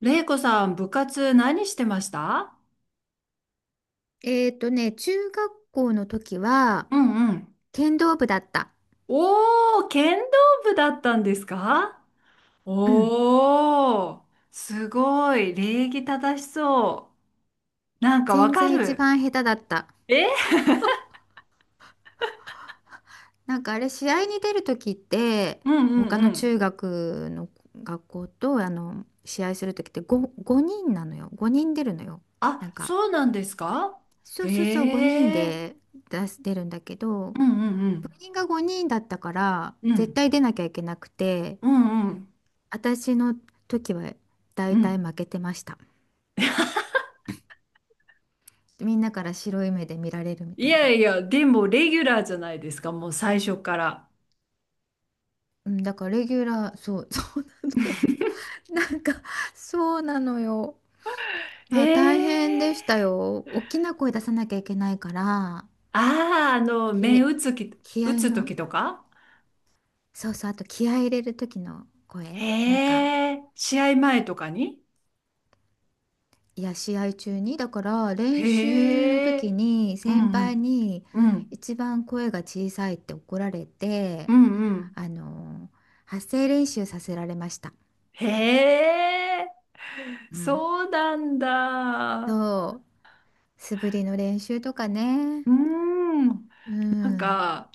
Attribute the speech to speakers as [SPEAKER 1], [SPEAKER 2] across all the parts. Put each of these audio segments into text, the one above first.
[SPEAKER 1] れいこさん、部活何してました？
[SPEAKER 2] 中学校の時は、
[SPEAKER 1] うんうん。
[SPEAKER 2] 剣道部だった。
[SPEAKER 1] おー、剣道部だったんですか？
[SPEAKER 2] うん。
[SPEAKER 1] おー、すごい、礼儀正しそう。なんかわ
[SPEAKER 2] 全
[SPEAKER 1] か
[SPEAKER 2] 然一
[SPEAKER 1] る。
[SPEAKER 2] 番下手だった。
[SPEAKER 1] え？
[SPEAKER 2] なんかあれ、試合に出る時って、
[SPEAKER 1] うんうん
[SPEAKER 2] 他
[SPEAKER 1] う
[SPEAKER 2] の
[SPEAKER 1] ん。
[SPEAKER 2] 中学の学校と、試合する時って5人なのよ。5人出るのよ。な
[SPEAKER 1] あ、
[SPEAKER 2] んか、
[SPEAKER 1] そうなんですか？
[SPEAKER 2] そうそうそう、5人
[SPEAKER 1] へえ。
[SPEAKER 2] で出るんだけど、
[SPEAKER 1] うんう
[SPEAKER 2] 部
[SPEAKER 1] ん
[SPEAKER 2] 員が5人だったから、
[SPEAKER 1] うん。う
[SPEAKER 2] 絶
[SPEAKER 1] ん。
[SPEAKER 2] 対出なきゃいけなくて、
[SPEAKER 1] うんうん
[SPEAKER 2] 私の時は
[SPEAKER 1] う
[SPEAKER 2] 大体
[SPEAKER 1] ん。
[SPEAKER 2] 負けてました。みんなから白い目で見られるみ
[SPEAKER 1] い
[SPEAKER 2] たい
[SPEAKER 1] や
[SPEAKER 2] な。
[SPEAKER 1] いや、でもレギュラーじゃないですか、もう最初から。
[SPEAKER 2] うん、だからレギュラー、そう、そうなの。なんか、そうなのよ。
[SPEAKER 1] へ
[SPEAKER 2] まあ大変でした
[SPEAKER 1] え。
[SPEAKER 2] よ。大きな声出さなきゃいけないから、
[SPEAKER 1] ああ、あの、目
[SPEAKER 2] き、気
[SPEAKER 1] 打
[SPEAKER 2] 合
[SPEAKER 1] つ
[SPEAKER 2] の、
[SPEAKER 1] 時とか。
[SPEAKER 2] そうそう、あと気合い入れる時の声、なんか、
[SPEAKER 1] へえ、試合前とかに？
[SPEAKER 2] いや、試合中に、だから練習の
[SPEAKER 1] へ
[SPEAKER 2] 時
[SPEAKER 1] え、
[SPEAKER 2] に
[SPEAKER 1] う
[SPEAKER 2] 先
[SPEAKER 1] んう
[SPEAKER 2] 輩
[SPEAKER 1] ん、
[SPEAKER 2] に
[SPEAKER 1] うん、
[SPEAKER 2] 一番声が小さいって怒られ
[SPEAKER 1] う
[SPEAKER 2] て、
[SPEAKER 1] んうん。
[SPEAKER 2] あの、発声練習させられました。
[SPEAKER 1] へえ、
[SPEAKER 2] うん。
[SPEAKER 1] そうなんだ。
[SPEAKER 2] そう、素振りの練習とかね。
[SPEAKER 1] うん、
[SPEAKER 2] う
[SPEAKER 1] なん
[SPEAKER 2] ん。
[SPEAKER 1] か、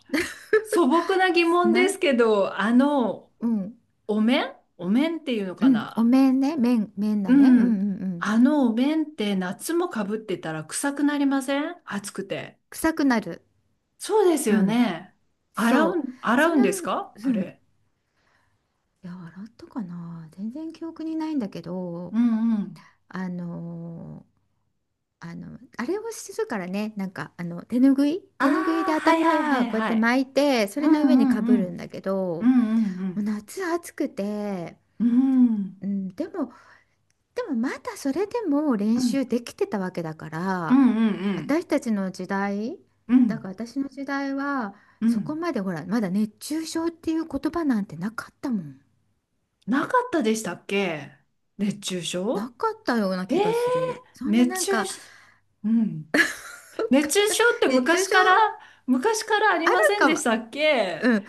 [SPEAKER 1] 素朴な疑問で
[SPEAKER 2] な、
[SPEAKER 1] すけど、あの、
[SPEAKER 2] うん。
[SPEAKER 1] お面、お面っていうの
[SPEAKER 2] う
[SPEAKER 1] か
[SPEAKER 2] ん。お
[SPEAKER 1] な？
[SPEAKER 2] 面ね。面、面だ
[SPEAKER 1] う
[SPEAKER 2] ね。うんうんう
[SPEAKER 1] ん。
[SPEAKER 2] ん。
[SPEAKER 1] あのお面って夏もかぶってたら臭くなりません？暑くて。
[SPEAKER 2] 臭くなる。
[SPEAKER 1] そうです
[SPEAKER 2] う
[SPEAKER 1] よ
[SPEAKER 2] ん。
[SPEAKER 1] ね。洗
[SPEAKER 2] そう。
[SPEAKER 1] う、洗
[SPEAKER 2] そ
[SPEAKER 1] う
[SPEAKER 2] の、
[SPEAKER 1] んですか
[SPEAKER 2] う
[SPEAKER 1] あ
[SPEAKER 2] ん。
[SPEAKER 1] れ。
[SPEAKER 2] いや、洗ったかな。全然記憶にないんだけど、
[SPEAKER 1] うんうん。
[SPEAKER 2] あのーあれをするからね。なんか、手ぬぐい
[SPEAKER 1] あ
[SPEAKER 2] 手ぬぐいで
[SPEAKER 1] あ、はいはいは
[SPEAKER 2] 頭、
[SPEAKER 1] い
[SPEAKER 2] こうやっ
[SPEAKER 1] は
[SPEAKER 2] て
[SPEAKER 1] い。
[SPEAKER 2] 巻いて、そ
[SPEAKER 1] う
[SPEAKER 2] れ
[SPEAKER 1] んう
[SPEAKER 2] の上にか
[SPEAKER 1] ん
[SPEAKER 2] ぶ
[SPEAKER 1] う
[SPEAKER 2] るん
[SPEAKER 1] ん。
[SPEAKER 2] だけ
[SPEAKER 1] うん
[SPEAKER 2] ど、
[SPEAKER 1] うんう
[SPEAKER 2] もう
[SPEAKER 1] ん。
[SPEAKER 2] 夏暑くて、
[SPEAKER 1] うん
[SPEAKER 2] うん、でもまだそれでも
[SPEAKER 1] う
[SPEAKER 2] 練
[SPEAKER 1] ん
[SPEAKER 2] 習できてたわけだか
[SPEAKER 1] う
[SPEAKER 2] ら、
[SPEAKER 1] んうん。
[SPEAKER 2] 私たちの時代
[SPEAKER 1] う
[SPEAKER 2] だか
[SPEAKER 1] ん
[SPEAKER 2] ら私の時代は
[SPEAKER 1] う
[SPEAKER 2] そこ
[SPEAKER 1] ん。
[SPEAKER 2] まで、ほら、まだ熱中症っていう言葉なんてなかったもん。
[SPEAKER 1] なかったでしたっけ？熱中
[SPEAKER 2] な
[SPEAKER 1] 症。
[SPEAKER 2] かったような
[SPEAKER 1] え
[SPEAKER 2] 気
[SPEAKER 1] ー、
[SPEAKER 2] がする。そんな、な
[SPEAKER 1] 熱
[SPEAKER 2] んか、
[SPEAKER 1] 中
[SPEAKER 2] わ
[SPEAKER 1] し、うん。熱
[SPEAKER 2] かん
[SPEAKER 1] 中
[SPEAKER 2] ない。
[SPEAKER 1] 症って
[SPEAKER 2] 熱中
[SPEAKER 1] 昔
[SPEAKER 2] 症
[SPEAKER 1] から、昔からあり
[SPEAKER 2] ある
[SPEAKER 1] ません
[SPEAKER 2] か
[SPEAKER 1] でし
[SPEAKER 2] は、
[SPEAKER 1] たっけ？
[SPEAKER 2] うん、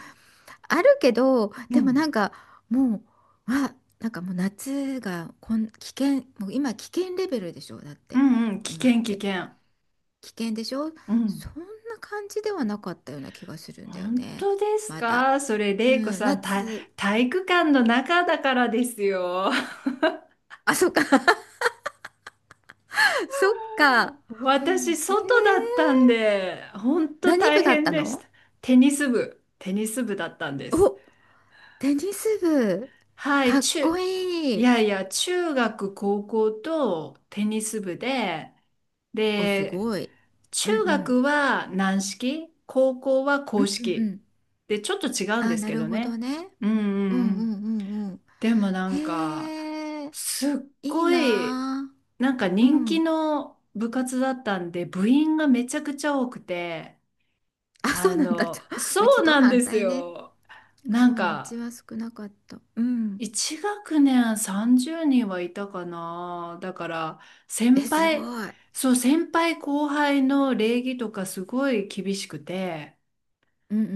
[SPEAKER 2] あるけど、
[SPEAKER 1] う
[SPEAKER 2] でもな
[SPEAKER 1] ん。
[SPEAKER 2] んか、もう、あ、なんか、もう夏がこん、危険、もう今危険レベルでしょ、だっ
[SPEAKER 1] う
[SPEAKER 2] て
[SPEAKER 1] んうん。危
[SPEAKER 2] 今っ
[SPEAKER 1] 険、危
[SPEAKER 2] て。
[SPEAKER 1] 険。
[SPEAKER 2] 危険でしょ。
[SPEAKER 1] う
[SPEAKER 2] そ
[SPEAKER 1] ん。
[SPEAKER 2] んな感じではなかったような気がするんだよ
[SPEAKER 1] 本
[SPEAKER 2] ね。
[SPEAKER 1] 当です
[SPEAKER 2] まだ。
[SPEAKER 1] かそれ、
[SPEAKER 2] う
[SPEAKER 1] れいこ
[SPEAKER 2] ん、
[SPEAKER 1] さん、体
[SPEAKER 2] 夏。
[SPEAKER 1] 体育館の中だからですよ。
[SPEAKER 2] あ、そっか。そっか。うん。
[SPEAKER 1] 私、外だったんで、本当
[SPEAKER 2] 何
[SPEAKER 1] 大
[SPEAKER 2] 部だっ
[SPEAKER 1] 変
[SPEAKER 2] た
[SPEAKER 1] でした。
[SPEAKER 2] の？
[SPEAKER 1] テニス部、テニス部だったんです。
[SPEAKER 2] お、テニス部。
[SPEAKER 1] はい、
[SPEAKER 2] かっこ
[SPEAKER 1] い
[SPEAKER 2] いい。
[SPEAKER 1] やいや、中学、高校とテニス部で、
[SPEAKER 2] お、す
[SPEAKER 1] で、
[SPEAKER 2] ごい。うん
[SPEAKER 1] 中
[SPEAKER 2] うん。
[SPEAKER 1] 学は軟式、高校は
[SPEAKER 2] う
[SPEAKER 1] 硬
[SPEAKER 2] んうんう
[SPEAKER 1] 式。
[SPEAKER 2] ん。
[SPEAKER 1] で、ちょっと違うんで
[SPEAKER 2] あ、
[SPEAKER 1] す
[SPEAKER 2] な
[SPEAKER 1] け
[SPEAKER 2] る
[SPEAKER 1] ど
[SPEAKER 2] ほど
[SPEAKER 1] ね。
[SPEAKER 2] ね。
[SPEAKER 1] うんう
[SPEAKER 2] う
[SPEAKER 1] んう
[SPEAKER 2] んう
[SPEAKER 1] ん。
[SPEAKER 2] んうんうん。
[SPEAKER 1] でもなんか、
[SPEAKER 2] へえ、
[SPEAKER 1] すっ
[SPEAKER 2] いい
[SPEAKER 1] ごい、
[SPEAKER 2] なあ。
[SPEAKER 1] なんか
[SPEAKER 2] う
[SPEAKER 1] 人気
[SPEAKER 2] ん。
[SPEAKER 1] の部活だったんで、部員がめちゃくちゃ多くて、
[SPEAKER 2] あ、そ
[SPEAKER 1] あ
[SPEAKER 2] うなんだ。
[SPEAKER 1] の、
[SPEAKER 2] う
[SPEAKER 1] そ
[SPEAKER 2] ち
[SPEAKER 1] う
[SPEAKER 2] と
[SPEAKER 1] なん
[SPEAKER 2] 反
[SPEAKER 1] です
[SPEAKER 2] 対ね。
[SPEAKER 1] よ。な
[SPEAKER 2] そ
[SPEAKER 1] ん
[SPEAKER 2] う、うち
[SPEAKER 1] か、
[SPEAKER 2] は少なかった。うん。
[SPEAKER 1] 一学年30人はいたかな。だから、
[SPEAKER 2] え、
[SPEAKER 1] 先
[SPEAKER 2] す
[SPEAKER 1] 輩、
[SPEAKER 2] ごい。
[SPEAKER 1] そう、先輩後輩の礼儀とかすごい厳しくて、
[SPEAKER 2] うんうんう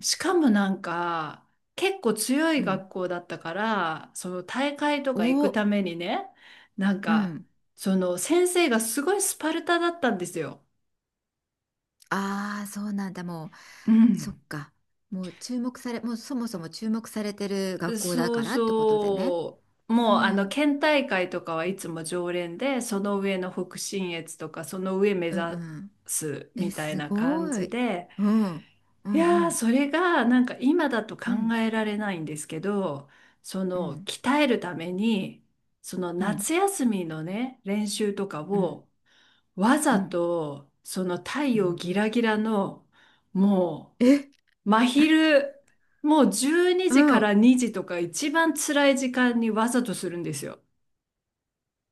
[SPEAKER 2] ん
[SPEAKER 1] しかもなんか、結構強い
[SPEAKER 2] うん。うん。
[SPEAKER 1] 学校だったから、その大会とか行く
[SPEAKER 2] お、
[SPEAKER 1] ためにね、なん
[SPEAKER 2] う
[SPEAKER 1] か、
[SPEAKER 2] ん。
[SPEAKER 1] その先生がすごいスパルタだったんですよ。
[SPEAKER 2] ああ、そうなんだ。もう、
[SPEAKER 1] う
[SPEAKER 2] そ
[SPEAKER 1] ん。
[SPEAKER 2] っか。もうそもそも注目されてる学校だ
[SPEAKER 1] そ
[SPEAKER 2] か
[SPEAKER 1] う
[SPEAKER 2] らってことでね。
[SPEAKER 1] そう。
[SPEAKER 2] う
[SPEAKER 1] もうあ
[SPEAKER 2] ん。う
[SPEAKER 1] の
[SPEAKER 2] ん
[SPEAKER 1] 県大会とかはいつも常連で、その上の北信越とかその上目
[SPEAKER 2] う
[SPEAKER 1] 指
[SPEAKER 2] ん。
[SPEAKER 1] す
[SPEAKER 2] え、
[SPEAKER 1] みたい
[SPEAKER 2] す
[SPEAKER 1] な
[SPEAKER 2] ご
[SPEAKER 1] 感じ
[SPEAKER 2] い。
[SPEAKER 1] で、
[SPEAKER 2] うん。う
[SPEAKER 1] い
[SPEAKER 2] ん
[SPEAKER 1] やー、
[SPEAKER 2] うん
[SPEAKER 1] それがなんか今だと
[SPEAKER 2] うん。
[SPEAKER 1] 考えられないんですけど、そ
[SPEAKER 2] う
[SPEAKER 1] の
[SPEAKER 2] ん
[SPEAKER 1] 鍛えるために、その
[SPEAKER 2] うん
[SPEAKER 1] 夏休みのね、練習とか
[SPEAKER 2] うん
[SPEAKER 1] をわ
[SPEAKER 2] う
[SPEAKER 1] ざ
[SPEAKER 2] ん。
[SPEAKER 1] とその太
[SPEAKER 2] う
[SPEAKER 1] 陽
[SPEAKER 2] ん。
[SPEAKER 1] ギラギラのも
[SPEAKER 2] え、
[SPEAKER 1] う真昼、もう12
[SPEAKER 2] う
[SPEAKER 1] 時か
[SPEAKER 2] ん。
[SPEAKER 1] ら2時とか一番辛い時間にわざとするんですよ。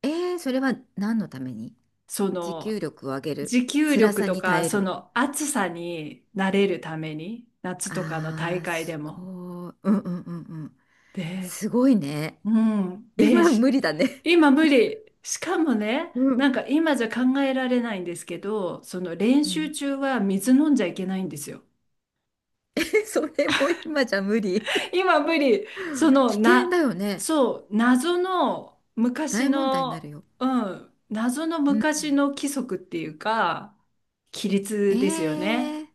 [SPEAKER 2] それは何のために、
[SPEAKER 1] そ
[SPEAKER 2] 持
[SPEAKER 1] の、
[SPEAKER 2] 久力を上げる。
[SPEAKER 1] 持久
[SPEAKER 2] 辛
[SPEAKER 1] 力
[SPEAKER 2] さ
[SPEAKER 1] と
[SPEAKER 2] に
[SPEAKER 1] か、
[SPEAKER 2] 耐え
[SPEAKER 1] そ
[SPEAKER 2] る。
[SPEAKER 1] の暑さに慣れるために、夏とかの
[SPEAKER 2] あ
[SPEAKER 1] 大
[SPEAKER 2] あ、
[SPEAKER 1] 会で
[SPEAKER 2] す
[SPEAKER 1] も。
[SPEAKER 2] ごい。うんうんうんうん。
[SPEAKER 1] で、
[SPEAKER 2] すごいね。
[SPEAKER 1] うん。で、
[SPEAKER 2] 今無理だね。
[SPEAKER 1] 今無理。しかもね、
[SPEAKER 2] う
[SPEAKER 1] な
[SPEAKER 2] ん。
[SPEAKER 1] んか今じゃ考えられないんですけど、その練
[SPEAKER 2] う
[SPEAKER 1] 習
[SPEAKER 2] ん。
[SPEAKER 1] 中は水飲んじゃいけないんですよ。
[SPEAKER 2] それも今じゃ無理。
[SPEAKER 1] 今無理。その、
[SPEAKER 2] 危険だよね。
[SPEAKER 1] そう、謎の昔
[SPEAKER 2] 大問題になる
[SPEAKER 1] の、
[SPEAKER 2] よ。
[SPEAKER 1] うん、謎の
[SPEAKER 2] うん。
[SPEAKER 1] 昔の規則っていうか、規律ですよね。
[SPEAKER 2] ええ。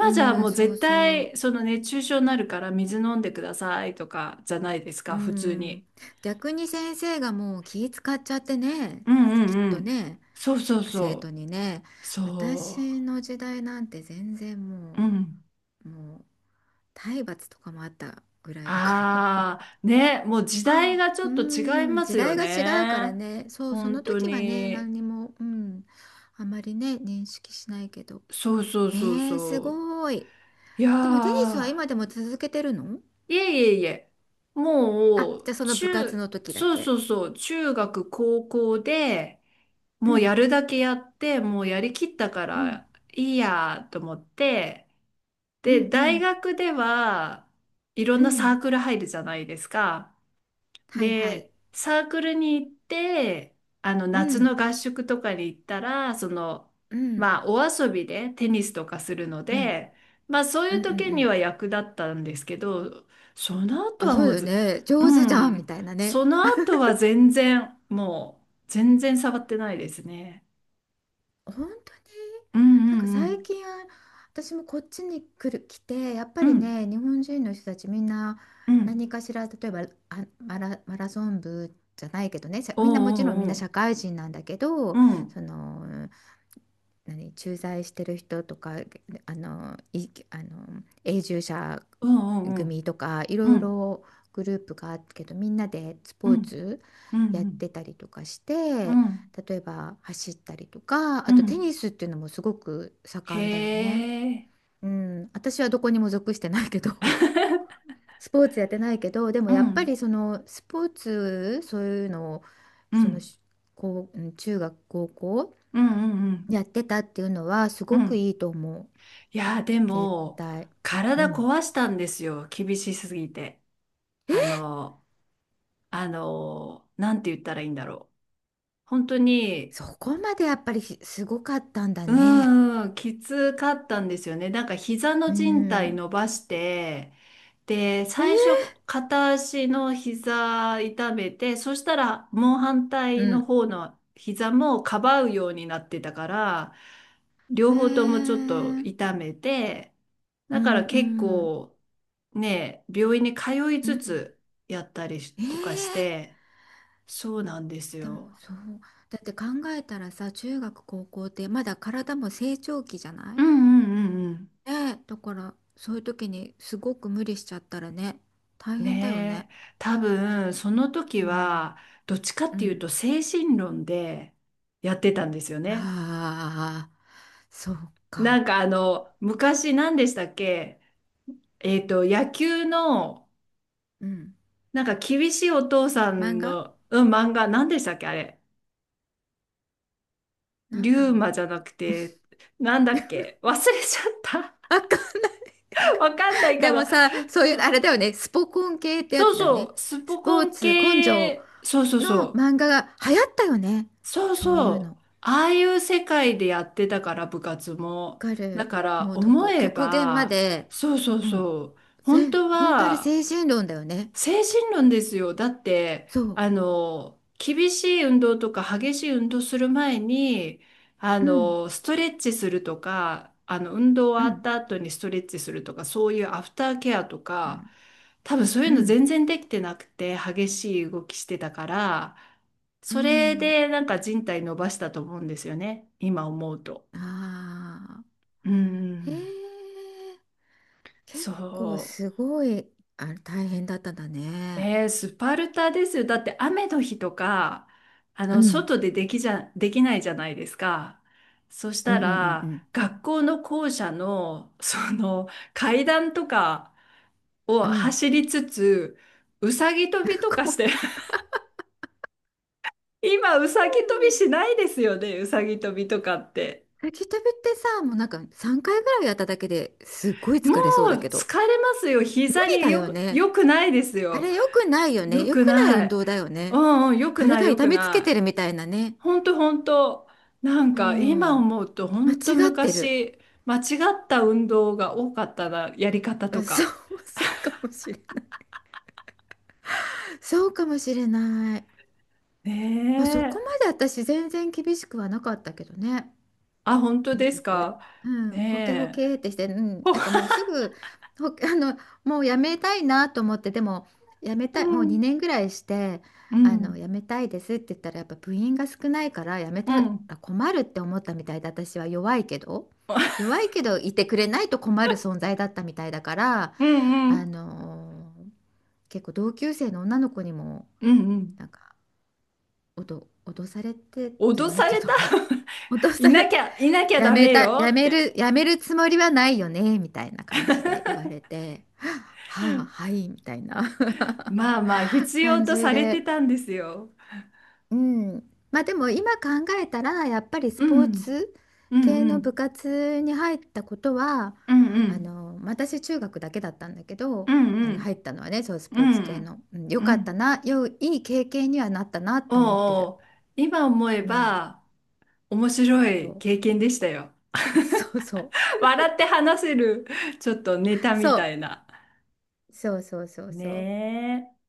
[SPEAKER 2] う
[SPEAKER 1] じゃ
[SPEAKER 2] ん、
[SPEAKER 1] もう
[SPEAKER 2] そう
[SPEAKER 1] 絶
[SPEAKER 2] そう。
[SPEAKER 1] 対、その熱中症になるから水飲んでくださいとかじゃないです
[SPEAKER 2] う
[SPEAKER 1] か、普通に。
[SPEAKER 2] ん。逆に先生がもう気使っちゃってね。
[SPEAKER 1] うんう
[SPEAKER 2] きっ
[SPEAKER 1] んう
[SPEAKER 2] と
[SPEAKER 1] ん。
[SPEAKER 2] ね、
[SPEAKER 1] そうそう
[SPEAKER 2] 生徒
[SPEAKER 1] そ
[SPEAKER 2] にね。
[SPEAKER 1] う。そ
[SPEAKER 2] 私の時代なんて全然
[SPEAKER 1] う。う
[SPEAKER 2] も
[SPEAKER 1] ん。
[SPEAKER 2] う、もう体罰とかもあったぐらいだから。
[SPEAKER 1] ああ、ね、もう時代がちょ
[SPEAKER 2] う
[SPEAKER 1] っと違い
[SPEAKER 2] ーん、
[SPEAKER 1] ま
[SPEAKER 2] 時
[SPEAKER 1] すよ
[SPEAKER 2] 代が違うから
[SPEAKER 1] ね。
[SPEAKER 2] ね。そう、そ
[SPEAKER 1] 本
[SPEAKER 2] の
[SPEAKER 1] 当
[SPEAKER 2] 時はね、
[SPEAKER 1] に。
[SPEAKER 2] 何にも、うん、あまりね、認識しないけど。
[SPEAKER 1] そうそうそう
[SPEAKER 2] へえ、す
[SPEAKER 1] そう。
[SPEAKER 2] ごい。
[SPEAKER 1] いや
[SPEAKER 2] でもテニスは
[SPEAKER 1] ー、
[SPEAKER 2] 今でも続けてるの？
[SPEAKER 1] いえいえいえ、
[SPEAKER 2] あ、
[SPEAKER 1] も
[SPEAKER 2] じゃ
[SPEAKER 1] う、
[SPEAKER 2] あその部活の時だ
[SPEAKER 1] そう
[SPEAKER 2] け。
[SPEAKER 1] そうそう、中学、高校で、
[SPEAKER 2] う
[SPEAKER 1] もう
[SPEAKER 2] ん、
[SPEAKER 1] やるだけやって、もうやりきったか
[SPEAKER 2] うん、
[SPEAKER 1] らいいやと思って、
[SPEAKER 2] う
[SPEAKER 1] で、
[SPEAKER 2] ん、う
[SPEAKER 1] 大
[SPEAKER 2] ん、
[SPEAKER 1] 学では、いろ
[SPEAKER 2] う
[SPEAKER 1] んなサ
[SPEAKER 2] ん。
[SPEAKER 1] ークル入るじゃないですか。
[SPEAKER 2] はいはい。
[SPEAKER 1] で、サークルに行って、あの、
[SPEAKER 2] う
[SPEAKER 1] 夏
[SPEAKER 2] ん、
[SPEAKER 1] の合宿とかに行ったら、その、
[SPEAKER 2] うん、
[SPEAKER 1] まあ、お遊びでテニスとかするの
[SPEAKER 2] うん、
[SPEAKER 1] で、まあ、そう
[SPEAKER 2] う
[SPEAKER 1] い
[SPEAKER 2] ん、
[SPEAKER 1] う
[SPEAKER 2] うん、う
[SPEAKER 1] 時に
[SPEAKER 2] ん。
[SPEAKER 1] は役立ったんですけど、その後
[SPEAKER 2] あ、
[SPEAKER 1] は
[SPEAKER 2] そう
[SPEAKER 1] もう
[SPEAKER 2] だよ
[SPEAKER 1] ず、
[SPEAKER 2] ね。
[SPEAKER 1] う
[SPEAKER 2] 上手じゃんみ
[SPEAKER 1] ん、
[SPEAKER 2] たいなね。
[SPEAKER 1] その後は全然、もう、全然触ってないですね。
[SPEAKER 2] 本当に。
[SPEAKER 1] うん
[SPEAKER 2] なん
[SPEAKER 1] う
[SPEAKER 2] か
[SPEAKER 1] んう
[SPEAKER 2] 最
[SPEAKER 1] ん。
[SPEAKER 2] 近私もこっちに来て、やっぱ
[SPEAKER 1] う
[SPEAKER 2] り
[SPEAKER 1] ん、
[SPEAKER 2] ね、日本人の人たちみんな
[SPEAKER 1] うん。
[SPEAKER 2] 何かしら、例えば、マラソン部じゃないけどね、さ、
[SPEAKER 1] おう
[SPEAKER 2] みんな、もちろんみん
[SPEAKER 1] お
[SPEAKER 2] な
[SPEAKER 1] うおう。
[SPEAKER 2] 社会人なんだけ
[SPEAKER 1] う
[SPEAKER 2] ど、
[SPEAKER 1] ん。
[SPEAKER 2] その、何、駐在してる人とか、あのいあの永住者
[SPEAKER 1] おうおうおう。
[SPEAKER 2] 組とか、い
[SPEAKER 1] う
[SPEAKER 2] ろい
[SPEAKER 1] ん、
[SPEAKER 2] ろグループがあるけど、みんなでス
[SPEAKER 1] う
[SPEAKER 2] ポー
[SPEAKER 1] ん、
[SPEAKER 2] ツ
[SPEAKER 1] う
[SPEAKER 2] やって
[SPEAKER 1] ん、
[SPEAKER 2] たりとかし
[SPEAKER 1] う
[SPEAKER 2] て。
[SPEAKER 1] ん、うん。
[SPEAKER 2] 例えば走ったりとか、
[SPEAKER 1] う
[SPEAKER 2] あとテ
[SPEAKER 1] ん。
[SPEAKER 2] ニスっていうのもすごく
[SPEAKER 1] へ
[SPEAKER 2] 盛んだよね。
[SPEAKER 1] え。
[SPEAKER 2] うん、私はどこにも属してないけど スポーツやってないけど、でも
[SPEAKER 1] う
[SPEAKER 2] やっぱ
[SPEAKER 1] ん、
[SPEAKER 2] り、そのスポーツ、そういうのを、
[SPEAKER 1] う
[SPEAKER 2] その
[SPEAKER 1] ん、
[SPEAKER 2] し、こう、うん、中学、高校
[SPEAKER 1] うん、うん、うん。
[SPEAKER 2] やってたっていうのはす
[SPEAKER 1] う
[SPEAKER 2] ごく
[SPEAKER 1] ん。
[SPEAKER 2] いいと思う。
[SPEAKER 1] いやー、で
[SPEAKER 2] 絶
[SPEAKER 1] も、
[SPEAKER 2] 対。う
[SPEAKER 1] 体
[SPEAKER 2] ん。
[SPEAKER 1] 壊したんですよ。厳しすぎて。あの、なんて言ったらいいんだろう。本当に、
[SPEAKER 2] そこまでやっぱりすごかったんだ
[SPEAKER 1] う
[SPEAKER 2] ね。
[SPEAKER 1] ーきつかったんですよね。なんか膝の
[SPEAKER 2] う
[SPEAKER 1] 靭帯
[SPEAKER 2] ん。
[SPEAKER 1] 伸ばして、で、
[SPEAKER 2] え
[SPEAKER 1] 最
[SPEAKER 2] ー、
[SPEAKER 1] 初、片足の膝痛めて、そしたらもう反
[SPEAKER 2] う
[SPEAKER 1] 対の
[SPEAKER 2] ん。
[SPEAKER 1] 方の膝もかばうようになってたから、両方とも
[SPEAKER 2] へ
[SPEAKER 1] ちょっと
[SPEAKER 2] え。
[SPEAKER 1] 痛めて、
[SPEAKER 2] う
[SPEAKER 1] だか
[SPEAKER 2] ん
[SPEAKER 1] ら
[SPEAKER 2] う
[SPEAKER 1] 結
[SPEAKER 2] ん。
[SPEAKER 1] 構ね、病院に通い
[SPEAKER 2] う
[SPEAKER 1] つ
[SPEAKER 2] ん。
[SPEAKER 1] つやったり
[SPEAKER 2] え
[SPEAKER 1] とかし
[SPEAKER 2] え。
[SPEAKER 1] て、そうなんです
[SPEAKER 2] でも
[SPEAKER 1] よ。
[SPEAKER 2] そう、だって考えたらさ、中学高校ってまだ体も成長期じゃな
[SPEAKER 1] う
[SPEAKER 2] い？
[SPEAKER 1] んうんうんう
[SPEAKER 2] ねえ、だからそういう時にすごく無理しちゃったらね、大
[SPEAKER 1] ん。
[SPEAKER 2] 変だよ
[SPEAKER 1] ね
[SPEAKER 2] ね。
[SPEAKER 1] え、多分その時
[SPEAKER 2] うん、
[SPEAKER 1] はどっちかっ
[SPEAKER 2] う
[SPEAKER 1] ていう
[SPEAKER 2] ん。
[SPEAKER 1] と精神論でやってたんですよね。
[SPEAKER 2] ああ、そう
[SPEAKER 1] なん
[SPEAKER 2] か。
[SPEAKER 1] かあの昔何でしたっけ？野球の
[SPEAKER 2] うん。
[SPEAKER 1] なんか厳しいお父さ
[SPEAKER 2] 漫
[SPEAKER 1] ん
[SPEAKER 2] 画、
[SPEAKER 1] の、うん、漫画何でしたっけ、あれ。
[SPEAKER 2] な
[SPEAKER 1] リ
[SPEAKER 2] んだ
[SPEAKER 1] ュー
[SPEAKER 2] ろう。
[SPEAKER 1] マじゃなくて、なんだっけ、忘れちゃっ
[SPEAKER 2] あか、
[SPEAKER 1] た。 わかんないか
[SPEAKER 2] でも
[SPEAKER 1] な。
[SPEAKER 2] さ、そういう、あれだよね、スポコン系ってや
[SPEAKER 1] そう
[SPEAKER 2] つだよ
[SPEAKER 1] そ
[SPEAKER 2] ね。
[SPEAKER 1] う、ス
[SPEAKER 2] ス
[SPEAKER 1] ポ
[SPEAKER 2] ポ
[SPEAKER 1] コ
[SPEAKER 2] ー
[SPEAKER 1] ン
[SPEAKER 2] ツ根性
[SPEAKER 1] 系、そうそうそ
[SPEAKER 2] の
[SPEAKER 1] う。
[SPEAKER 2] 漫画が流行ったよね。
[SPEAKER 1] そう
[SPEAKER 2] そうい
[SPEAKER 1] そ
[SPEAKER 2] うの。わ
[SPEAKER 1] う。ああいう世界でやってたから、部活も。
[SPEAKER 2] か
[SPEAKER 1] だ
[SPEAKER 2] る。
[SPEAKER 1] から、
[SPEAKER 2] もう、
[SPEAKER 1] 思え
[SPEAKER 2] 極限ま
[SPEAKER 1] ば、
[SPEAKER 2] で。
[SPEAKER 1] そうそう
[SPEAKER 2] も
[SPEAKER 1] そう。本当
[SPEAKER 2] 本当あれ
[SPEAKER 1] は、
[SPEAKER 2] 精神論だよね。
[SPEAKER 1] 精神論ですよ。だって、
[SPEAKER 2] そう。
[SPEAKER 1] あの、厳しい運動とか激しい運動する前に、あ
[SPEAKER 2] うん、
[SPEAKER 1] の、ストレッチするとか、あの、運動
[SPEAKER 2] う
[SPEAKER 1] 終わっ
[SPEAKER 2] ん、
[SPEAKER 1] た後にストレッチするとか、そういうアフターケアと
[SPEAKER 2] う
[SPEAKER 1] か、
[SPEAKER 2] ん、
[SPEAKER 1] 多分そうい
[SPEAKER 2] う
[SPEAKER 1] うの
[SPEAKER 2] ん、
[SPEAKER 1] 全然できてなくて、激しい動きしてたから、
[SPEAKER 2] う
[SPEAKER 1] それ
[SPEAKER 2] ん。
[SPEAKER 1] でなんか人体伸ばしたと思うんですよね。今思うと。
[SPEAKER 2] ああ、
[SPEAKER 1] う
[SPEAKER 2] へ
[SPEAKER 1] ん。
[SPEAKER 2] え、
[SPEAKER 1] そ
[SPEAKER 2] 結構
[SPEAKER 1] う。
[SPEAKER 2] すごい、あ、大変だったんだね。
[SPEAKER 1] スパルタですよ。だって雨の日とか、あ
[SPEAKER 2] う
[SPEAKER 1] の、
[SPEAKER 2] ん、
[SPEAKER 1] 外でできじゃ、できないじゃないですか。そし
[SPEAKER 2] うん、
[SPEAKER 1] た
[SPEAKER 2] うん、うん。う
[SPEAKER 1] ら、
[SPEAKER 2] ん。
[SPEAKER 1] 学校の校舎の、その、階段とかを
[SPEAKER 2] あ
[SPEAKER 1] 走
[SPEAKER 2] あ、
[SPEAKER 1] りつつ、うさぎ跳びと か
[SPEAKER 2] ご
[SPEAKER 1] し
[SPEAKER 2] めん。
[SPEAKER 1] て、今、うさぎ跳びしないですよね、うさぎ跳びとかって。
[SPEAKER 2] 滝旅ってさ、もうなんか3回ぐらいやっただけですっごい
[SPEAKER 1] も
[SPEAKER 2] 疲れそうだ
[SPEAKER 1] う、
[SPEAKER 2] けど、
[SPEAKER 1] 疲れますよ。
[SPEAKER 2] 無
[SPEAKER 1] 膝
[SPEAKER 2] 理
[SPEAKER 1] に
[SPEAKER 2] だよ
[SPEAKER 1] よ、
[SPEAKER 2] ね。
[SPEAKER 1] よくないです
[SPEAKER 2] あ
[SPEAKER 1] よ。
[SPEAKER 2] れ良くないよね。
[SPEAKER 1] よ
[SPEAKER 2] 良
[SPEAKER 1] く
[SPEAKER 2] くない
[SPEAKER 1] な
[SPEAKER 2] 運
[SPEAKER 1] い。
[SPEAKER 2] 動だよ
[SPEAKER 1] う
[SPEAKER 2] ね。
[SPEAKER 1] んうん、よくない、
[SPEAKER 2] 体
[SPEAKER 1] よ
[SPEAKER 2] 痛
[SPEAKER 1] く
[SPEAKER 2] めつけ
[SPEAKER 1] な
[SPEAKER 2] て
[SPEAKER 1] い。
[SPEAKER 2] るみたいなね。
[SPEAKER 1] 本当、本当、なん
[SPEAKER 2] う
[SPEAKER 1] か今
[SPEAKER 2] ん。
[SPEAKER 1] 思うと
[SPEAKER 2] 間
[SPEAKER 1] 本当、
[SPEAKER 2] 違ってる。
[SPEAKER 1] 昔間違った運動が多かったな、やり方
[SPEAKER 2] う
[SPEAKER 1] と
[SPEAKER 2] ん、そう、
[SPEAKER 1] か。
[SPEAKER 2] そうかもしれない。そうかもしれない。
[SPEAKER 1] ね
[SPEAKER 2] まあ、そこ
[SPEAKER 1] え。
[SPEAKER 2] まで私全然厳しくはなかったけどね。
[SPEAKER 1] あ、本当
[SPEAKER 2] 部
[SPEAKER 1] です
[SPEAKER 2] 活。
[SPEAKER 1] か？
[SPEAKER 2] うん、ほけほ
[SPEAKER 1] ねえ。
[SPEAKER 2] けってして、うん、
[SPEAKER 1] ほ
[SPEAKER 2] なんかもうすぐ、ほ、あの、もうやめたいなと思って、でも、やめ
[SPEAKER 1] う
[SPEAKER 2] たい、もう
[SPEAKER 1] ん
[SPEAKER 2] 2年ぐらいして、
[SPEAKER 1] う
[SPEAKER 2] あ
[SPEAKER 1] ん
[SPEAKER 2] の、やめたいですって言ったら、やっぱ部員が少ないから、やめ
[SPEAKER 1] う
[SPEAKER 2] た
[SPEAKER 1] ん。
[SPEAKER 2] ら困るって思ったみたいで、私は弱いけど、弱いけど、いてくれないと困る存在だったみたいだから、
[SPEAKER 1] うんう
[SPEAKER 2] あ
[SPEAKER 1] ん
[SPEAKER 2] の結構同級生の女の子にも、
[SPEAKER 1] うんうん。
[SPEAKER 2] なんか、脅されてじゃ
[SPEAKER 1] 脅
[SPEAKER 2] ない
[SPEAKER 1] さ
[SPEAKER 2] け
[SPEAKER 1] れ
[SPEAKER 2] ど、
[SPEAKER 1] た。
[SPEAKER 2] 脅
[SPEAKER 1] い
[SPEAKER 2] され
[SPEAKER 1] なき
[SPEAKER 2] た。
[SPEAKER 1] ゃいなきゃダメよって。
[SPEAKER 2] やめるつもりはないよね、みたいな感じで言われ て、はあ、はい、みたいな
[SPEAKER 1] まあまあ 必要
[SPEAKER 2] 感
[SPEAKER 1] と
[SPEAKER 2] じ
[SPEAKER 1] されて
[SPEAKER 2] で。
[SPEAKER 1] たんですよ。
[SPEAKER 2] うん。まあでも今考えたら、やっぱりス
[SPEAKER 1] う
[SPEAKER 2] ポー
[SPEAKER 1] ん
[SPEAKER 2] ツ
[SPEAKER 1] う
[SPEAKER 2] 系
[SPEAKER 1] んう
[SPEAKER 2] の部
[SPEAKER 1] ん
[SPEAKER 2] 活に入ったことは、
[SPEAKER 1] うんうん
[SPEAKER 2] 私中学だけだったんだけ
[SPEAKER 1] う
[SPEAKER 2] ど、
[SPEAKER 1] んう
[SPEAKER 2] 入
[SPEAKER 1] ん
[SPEAKER 2] ったのはね、そうス
[SPEAKER 1] う
[SPEAKER 2] ポーツ系
[SPEAKER 1] ん
[SPEAKER 2] の。うん、
[SPEAKER 1] う
[SPEAKER 2] よ
[SPEAKER 1] んう
[SPEAKER 2] かった
[SPEAKER 1] ん。
[SPEAKER 2] な、いい経験にはなったな
[SPEAKER 1] お
[SPEAKER 2] と
[SPEAKER 1] う
[SPEAKER 2] 思ってる。
[SPEAKER 1] おう、今思え
[SPEAKER 2] うん。
[SPEAKER 1] ば面白い
[SPEAKER 2] そ
[SPEAKER 1] 経験でしたよ。
[SPEAKER 2] う。そうそう。
[SPEAKER 1] 笑って話せる、ちょっとネタ
[SPEAKER 2] そ
[SPEAKER 1] みた
[SPEAKER 2] う。
[SPEAKER 1] いな。
[SPEAKER 2] そうそうそうそう。
[SPEAKER 1] ねえ。